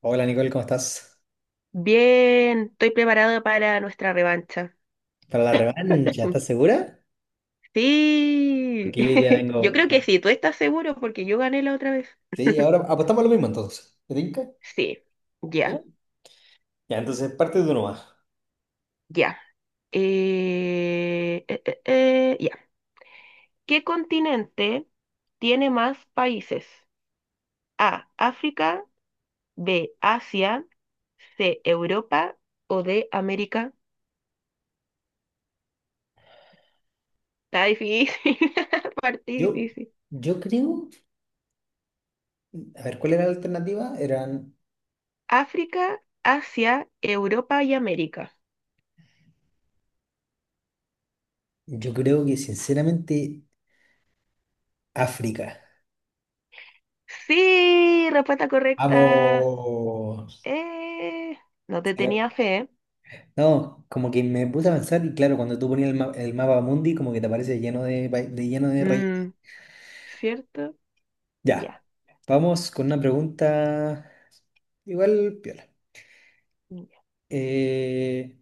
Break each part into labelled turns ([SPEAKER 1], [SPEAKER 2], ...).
[SPEAKER 1] Hola Nicole, ¿cómo estás?
[SPEAKER 2] Bien, estoy preparado para nuestra revancha.
[SPEAKER 1] Para la revancha, ¿estás segura?
[SPEAKER 2] Sí,
[SPEAKER 1] Porque yo hoy día
[SPEAKER 2] yo
[SPEAKER 1] vengo.
[SPEAKER 2] creo que
[SPEAKER 1] ¿Eh?
[SPEAKER 2] sí, tú estás seguro porque yo gané la otra vez.
[SPEAKER 1] Sí, ahora apostamos lo mismo entonces. ¿Te tinca?
[SPEAKER 2] Sí,
[SPEAKER 1] ¿Ya?
[SPEAKER 2] ya,
[SPEAKER 1] Ya, entonces parte de uno más.
[SPEAKER 2] ya. Ya. ¿Qué continente tiene más países? A, África, B, Asia, C, Europa o D, América. Está difícil, parte
[SPEAKER 1] Yo,
[SPEAKER 2] difícil.
[SPEAKER 1] yo creo. A ver, ¿cuál era la alternativa? Eran.
[SPEAKER 2] África, Asia, Europa y América.
[SPEAKER 1] Yo creo que sinceramente África.
[SPEAKER 2] Sí, respuesta correcta.
[SPEAKER 1] Vamos.
[SPEAKER 2] Eh, no te
[SPEAKER 1] Pero-
[SPEAKER 2] tenía fe, ¿eh?
[SPEAKER 1] No, como que me puse a pensar y claro, cuando tú ponías el mapa mundi, como que te aparece lleno de lleno de rayitas.
[SPEAKER 2] Mm, ¿cierto?
[SPEAKER 1] Ya.
[SPEAKER 2] Ya.
[SPEAKER 1] Vamos con una pregunta igual piola.
[SPEAKER 2] Ya.
[SPEAKER 1] Eh,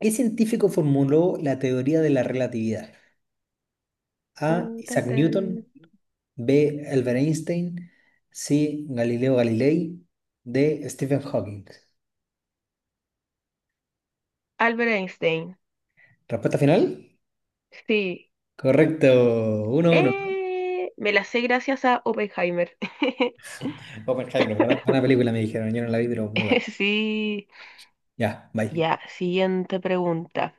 [SPEAKER 1] ¿Qué científico formuló la teoría de la relatividad? A.
[SPEAKER 2] Tan,
[SPEAKER 1] Isaac
[SPEAKER 2] tan.
[SPEAKER 1] Newton. B. Albert Einstein. C. Galileo Galilei. D. Stephen Hawking.
[SPEAKER 2] Albert Einstein.
[SPEAKER 1] ¿Respuesta final?
[SPEAKER 2] Sí.
[SPEAKER 1] Correcto. 1-1.
[SPEAKER 2] Me la sé gracias a Oppenheimer.
[SPEAKER 1] Oppenheimer, buena, buena película me dijeron. Yo no la vi, pero muy buena.
[SPEAKER 2] Sí.
[SPEAKER 1] Ya, bye.
[SPEAKER 2] Ya, siguiente pregunta.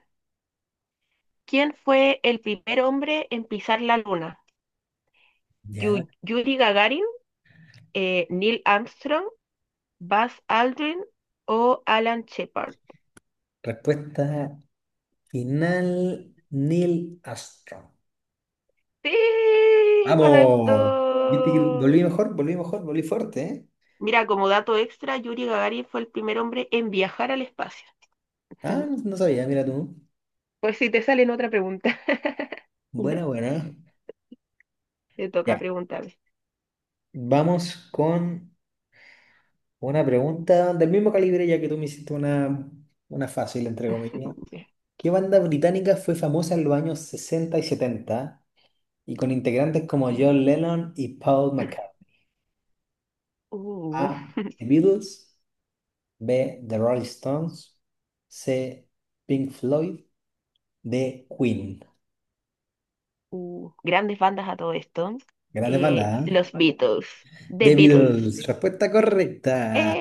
[SPEAKER 2] ¿Quién fue el primer hombre en pisar la luna?
[SPEAKER 1] Ya.
[SPEAKER 2] ¿Yuri Gagarin, Neil Armstrong, Buzz Aldrin o Alan Shepard?
[SPEAKER 1] Respuesta final, Neil Armstrong.
[SPEAKER 2] Sí,
[SPEAKER 1] ¡Vamos! ¿Viste que
[SPEAKER 2] correcto.
[SPEAKER 1] volví mejor? Volví mejor, volví fuerte, ¿eh?
[SPEAKER 2] Mira, como dato extra, Yuri Gagarin fue el primer hombre en viajar al espacio.
[SPEAKER 1] Ah, no sabía, mira tú.
[SPEAKER 2] Pues si te salen otra pregunta. Ya,
[SPEAKER 1] Buena, buena.
[SPEAKER 2] te toca
[SPEAKER 1] Ya,
[SPEAKER 2] preguntarme.
[SPEAKER 1] vamos con una pregunta del mismo calibre, ya que tú me hiciste una fácil, entre comillas.
[SPEAKER 2] Ya,
[SPEAKER 1] ¿Qué banda británica fue famosa en los años 60 y 70 y con integrantes como
[SPEAKER 2] ya.
[SPEAKER 1] John Lennon y Paul McCartney?
[SPEAKER 2] Uh,
[SPEAKER 1] A. The Beatles. B. The Rolling Stones. C. Pink Floyd. D. Queen.
[SPEAKER 2] grandes bandas a todo esto.
[SPEAKER 1] Grandes bandas, ¿eh?
[SPEAKER 2] Los Beatles.
[SPEAKER 1] The
[SPEAKER 2] The Beatles.
[SPEAKER 1] Beatles. Respuesta correcta.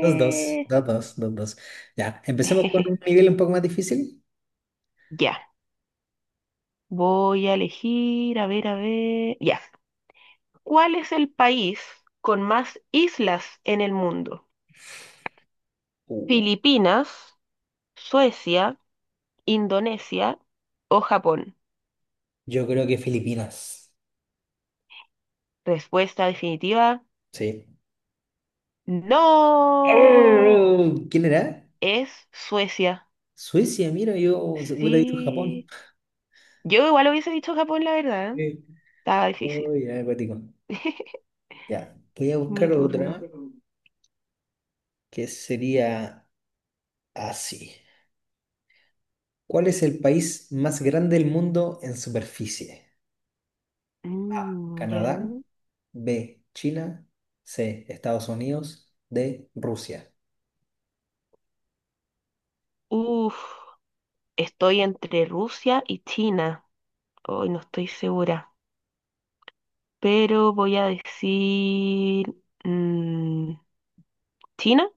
[SPEAKER 1] Dos, dos, dos, dos, dos, dos. Ya, empecemos con un nivel un poco más difícil.
[SPEAKER 2] Ya. Voy a elegir, a ver, a ver. Ya. ¿Cuál es el país con más islas en el mundo?
[SPEAKER 1] Uh,
[SPEAKER 2] ¿Filipinas, Suecia, Indonesia o Japón?
[SPEAKER 1] Yo creo que Filipinas.
[SPEAKER 2] Respuesta definitiva,
[SPEAKER 1] Sí.
[SPEAKER 2] no,
[SPEAKER 1] ¡Oh! ¿Quién era?
[SPEAKER 2] es Suecia.
[SPEAKER 1] Suecia, mira, yo hubiera dicho Japón.
[SPEAKER 2] Sí, yo igual hubiese dicho Japón, la verdad. ¿Eh?
[SPEAKER 1] Eh,
[SPEAKER 2] Estaba difícil.
[SPEAKER 1] oh, ya, acuático. Ya, voy a
[SPEAKER 2] Mi
[SPEAKER 1] buscar
[SPEAKER 2] turno.
[SPEAKER 1] otra que sería así. ¿Cuál es el país más grande del mundo en superficie? A.
[SPEAKER 2] Mm, ya.
[SPEAKER 1] Canadá. B. China. C. Estados Unidos. D. Rusia.
[SPEAKER 2] Uf, estoy entre Rusia y China. Hoy no estoy segura, pero voy a decir mm, China,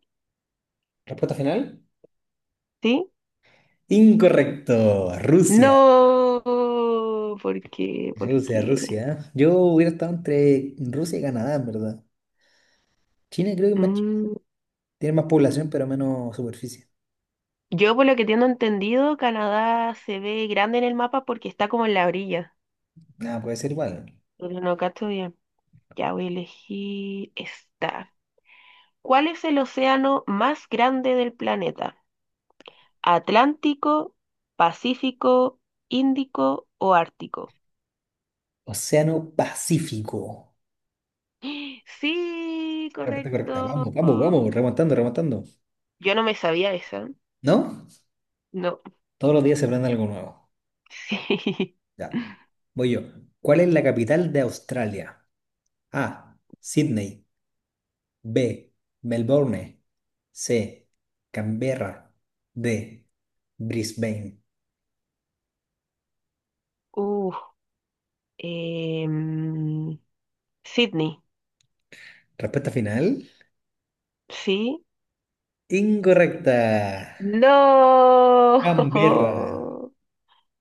[SPEAKER 1] ¿Respuesta final?
[SPEAKER 2] ¿sí?
[SPEAKER 1] Incorrecto. Rusia.
[SPEAKER 2] No, porque,
[SPEAKER 1] Rusia,
[SPEAKER 2] porque
[SPEAKER 1] Rusia. Yo hubiera estado entre Rusia y Canadá, en verdad. China creo que es más chiquita.
[SPEAKER 2] mm,
[SPEAKER 1] Tiene más población, pero menos superficie.
[SPEAKER 2] yo por lo que tengo entendido, Canadá se ve grande en el mapa porque está como en la orilla,
[SPEAKER 1] Nada, puede ser igual.
[SPEAKER 2] pero no cacho bien. Ya voy a elegir esta. ¿Cuál es el océano más grande del planeta? ¿Atlántico, Pacífico, Índico o Ártico?
[SPEAKER 1] Océano Pacífico.
[SPEAKER 2] Sí,
[SPEAKER 1] Respuesta correcta.
[SPEAKER 2] correcto.
[SPEAKER 1] Vamos, vamos, vamos. Remontando, remontando.
[SPEAKER 2] Yo no me sabía esa.
[SPEAKER 1] ¿No?
[SPEAKER 2] No,
[SPEAKER 1] Todos los días se aprende algo nuevo.
[SPEAKER 2] sí.
[SPEAKER 1] Ya. Voy yo. ¿Cuál es la capital de Australia? A. Sydney. B. Melbourne. C. Canberra. D. Brisbane.
[SPEAKER 2] Uh, em, Sydney,
[SPEAKER 1] Respuesta final.
[SPEAKER 2] ¿sí?
[SPEAKER 1] Incorrecta.
[SPEAKER 2] No.
[SPEAKER 1] Canberra.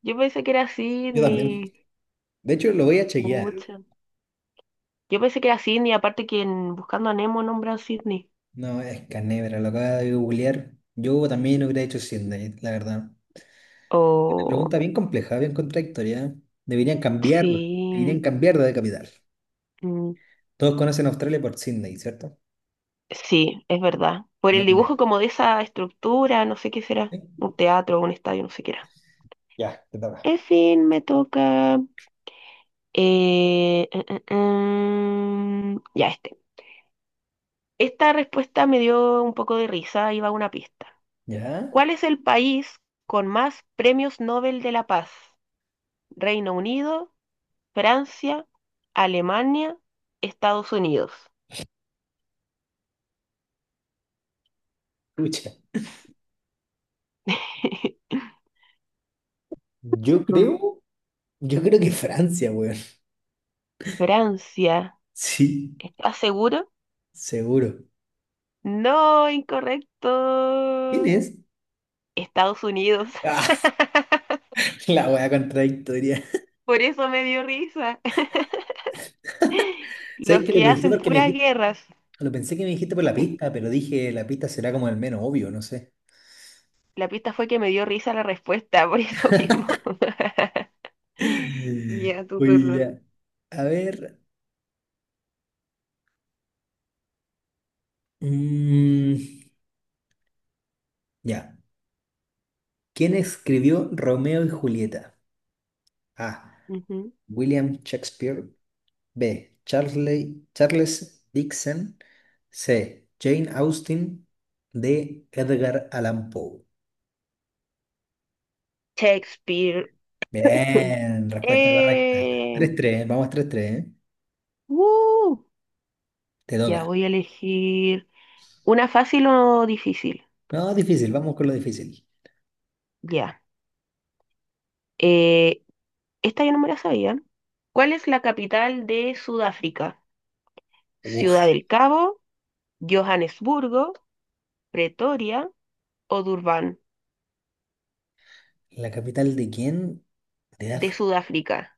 [SPEAKER 2] Yo pensé que era
[SPEAKER 1] Yo también.
[SPEAKER 2] Sydney.
[SPEAKER 1] De hecho, lo voy a chequear.
[SPEAKER 2] Pucha. Yo pensé que era Sydney, aparte que en Buscando a Nemo nombran Sydney.
[SPEAKER 1] No, es Canebra, lo acaba de googlear. Yo también lo hubiera hecho Sydney, la verdad.
[SPEAKER 2] Oh,
[SPEAKER 1] Pregunta bien compleja, bien contradictoria. Deberían
[SPEAKER 2] sí.
[SPEAKER 1] cambiar de capital.
[SPEAKER 2] Mm,
[SPEAKER 1] Todos conocen a Australia por Sydney, ¿cierto?
[SPEAKER 2] sí, es verdad. Por
[SPEAKER 1] No
[SPEAKER 2] el dibujo
[SPEAKER 1] Canebra.
[SPEAKER 2] como de esa estructura, no sé qué será.
[SPEAKER 1] ¿Sí?
[SPEAKER 2] Un teatro, un estadio, no sé qué era.
[SPEAKER 1] Ya, te toca.
[SPEAKER 2] En fin, me toca. Ya este. Esta respuesta me dio un poco de risa, ahí va una pista.
[SPEAKER 1] ¿Ya?
[SPEAKER 2] ¿Cuál es el país con más premios Nobel de la Paz? ¿Reino Unido, Francia, Alemania, Estados Unidos?
[SPEAKER 1] Escucha. Yo
[SPEAKER 2] Mm,
[SPEAKER 1] creo, yo creo que Francia, weón.
[SPEAKER 2] Francia.
[SPEAKER 1] Sí,
[SPEAKER 2] ¿Estás seguro?
[SPEAKER 1] seguro.
[SPEAKER 2] No,
[SPEAKER 1] ¿Quién
[SPEAKER 2] incorrecto.
[SPEAKER 1] es?
[SPEAKER 2] Estados Unidos.
[SPEAKER 1] Ah, la wea contradictoria.
[SPEAKER 2] Por eso me dio risa.
[SPEAKER 1] ¿Sabes
[SPEAKER 2] Los
[SPEAKER 1] que lo
[SPEAKER 2] que
[SPEAKER 1] pensé
[SPEAKER 2] hacen
[SPEAKER 1] porque me
[SPEAKER 2] puras
[SPEAKER 1] dijiste,
[SPEAKER 2] guerras.
[SPEAKER 1] lo pensé que me dijiste por la pista, pero dije la pista será como el menos obvio, no sé.
[SPEAKER 2] La pista fue que me dio risa la respuesta, por eso mismo. Ya, tu
[SPEAKER 1] Oye,
[SPEAKER 2] turno.
[SPEAKER 1] ya. A ver, mm, ya. ¿Quién escribió Romeo y Julieta? A.
[SPEAKER 2] Ujú.
[SPEAKER 1] William Shakespeare. B. Charles Dixon. C. Jane Austen. D. Edgar Allan Poe.
[SPEAKER 2] Shakespeare.
[SPEAKER 1] Bien, respuesta correcta.
[SPEAKER 2] Eh,
[SPEAKER 1] 3-3, vamos 3-3. ¿Eh?
[SPEAKER 2] uh,
[SPEAKER 1] Te
[SPEAKER 2] ya
[SPEAKER 1] toca.
[SPEAKER 2] voy a elegir una fácil o difícil.
[SPEAKER 1] No, difícil, vamos con lo difícil.
[SPEAKER 2] Ya. Eh, Esta yo no me la sabía. ¿Cuál es la capital de Sudáfrica? ¿Ciudad
[SPEAKER 1] Uf,
[SPEAKER 2] del Cabo, Johannesburgo, Pretoria o Durban
[SPEAKER 1] ¿la capital de quién? De
[SPEAKER 2] de
[SPEAKER 1] África.
[SPEAKER 2] Sudáfrica?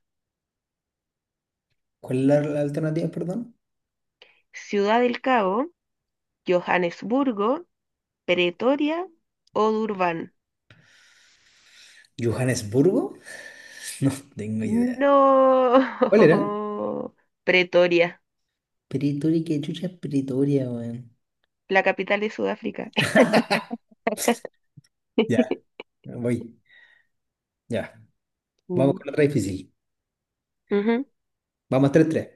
[SPEAKER 1] ¿Cuál es la alternativa, perdón?
[SPEAKER 2] Ciudad del Cabo, Johannesburgo, Pretoria o Durban.
[SPEAKER 1] ¿Johannesburgo? No tengo idea. ¿Cuál era?
[SPEAKER 2] No. Pretoria,
[SPEAKER 1] Pretoria, ¿qué chucha es Pretoria, weón?
[SPEAKER 2] la capital de Sudáfrica.
[SPEAKER 1] Ya, voy. Ya. Vamos
[SPEAKER 2] Mm,
[SPEAKER 1] con otra difícil.
[SPEAKER 2] ujú.
[SPEAKER 1] Vamos tres tres.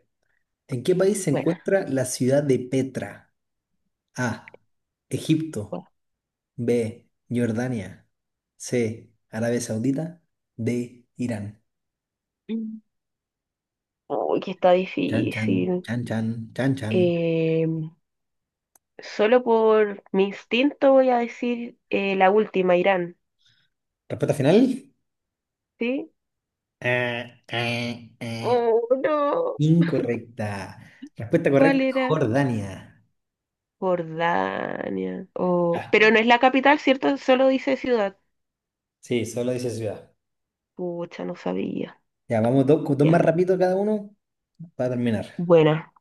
[SPEAKER 1] ¿En qué país se
[SPEAKER 2] Bueno,
[SPEAKER 1] encuentra la ciudad de Petra? A. Egipto.
[SPEAKER 2] bueno.
[SPEAKER 1] B. Jordania. C. Arabia Saudita. D. Irán.
[SPEAKER 2] Mm. Uy, que está
[SPEAKER 1] Chan, chan,
[SPEAKER 2] difícil.
[SPEAKER 1] chan, chan, chan, chan.
[SPEAKER 2] Eh, solo por mi instinto voy a decir la última, Irán.
[SPEAKER 1] ¿Respuesta final?
[SPEAKER 2] ¿Sí?
[SPEAKER 1] Ah, ah, ah.
[SPEAKER 2] Oh, no.
[SPEAKER 1] Incorrecta. Respuesta
[SPEAKER 2] ¿Cuál
[SPEAKER 1] correcta,
[SPEAKER 2] era?
[SPEAKER 1] Jordania.
[SPEAKER 2] Jordania. Oh,
[SPEAKER 1] Ya,
[SPEAKER 2] pero no es la capital, ¿cierto? Solo dice ciudad.
[SPEAKER 1] sí, solo dice ciudad.
[SPEAKER 2] Pucha, no sabía.
[SPEAKER 1] Ya, vamos dos, dos más
[SPEAKER 2] Ya.
[SPEAKER 1] rápido cada uno para terminar.
[SPEAKER 2] Buena.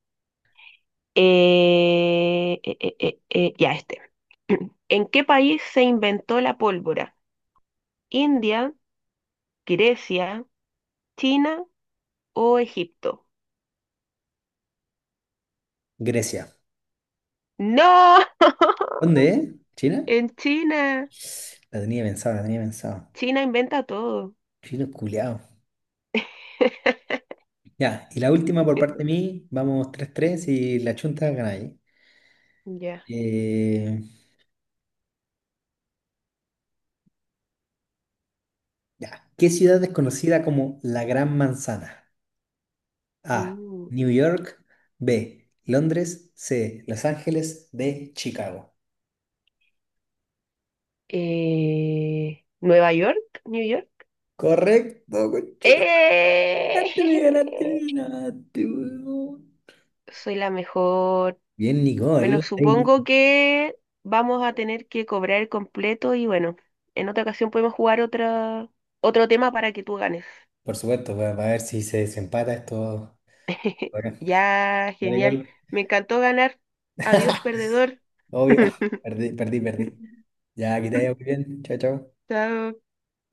[SPEAKER 2] Ya este. ¿En qué país se inventó la pólvora? ¿India, Grecia, China o Egipto?
[SPEAKER 1] Grecia.
[SPEAKER 2] ¡No!
[SPEAKER 1] ¿Dónde es? ¿China?
[SPEAKER 2] En China.
[SPEAKER 1] La tenía pensada, la tenía pensada.
[SPEAKER 2] China inventa todo.
[SPEAKER 1] Chino culiao. Ya, y la última por parte de mí, vamos tres tres y la chunta gana ahí.
[SPEAKER 2] Ya.
[SPEAKER 1] Eh, ya. ¿Qué ciudad es conocida como la Gran Manzana? A.
[SPEAKER 2] Mm.
[SPEAKER 1] New York. B. Londres. C. Los Ángeles. D. Chicago.
[SPEAKER 2] ¿Nueva York? ¿New York?
[SPEAKER 1] Correcto, conchito. Ganaste, me ganaste, me
[SPEAKER 2] ¡Eh!
[SPEAKER 1] ganaste, weón.
[SPEAKER 2] Soy la mejor.
[SPEAKER 1] Bien,
[SPEAKER 2] Bueno,
[SPEAKER 1] Nicole. Ey,
[SPEAKER 2] supongo que vamos a tener que cobrar el completo y bueno, en otra ocasión podemos jugar otra, otro tema para que tú ganes.
[SPEAKER 1] por supuesto, va a ver si se desempata esto. Bueno,
[SPEAKER 2] Ya,
[SPEAKER 1] ya,
[SPEAKER 2] genial.
[SPEAKER 1] Nicole.
[SPEAKER 2] Me encantó ganar. Adiós, perdedor.
[SPEAKER 1] Obvio. Perdí, perdí, perdí. Ya, que te vaya muy bien. Chao, chao.
[SPEAKER 2] Chao.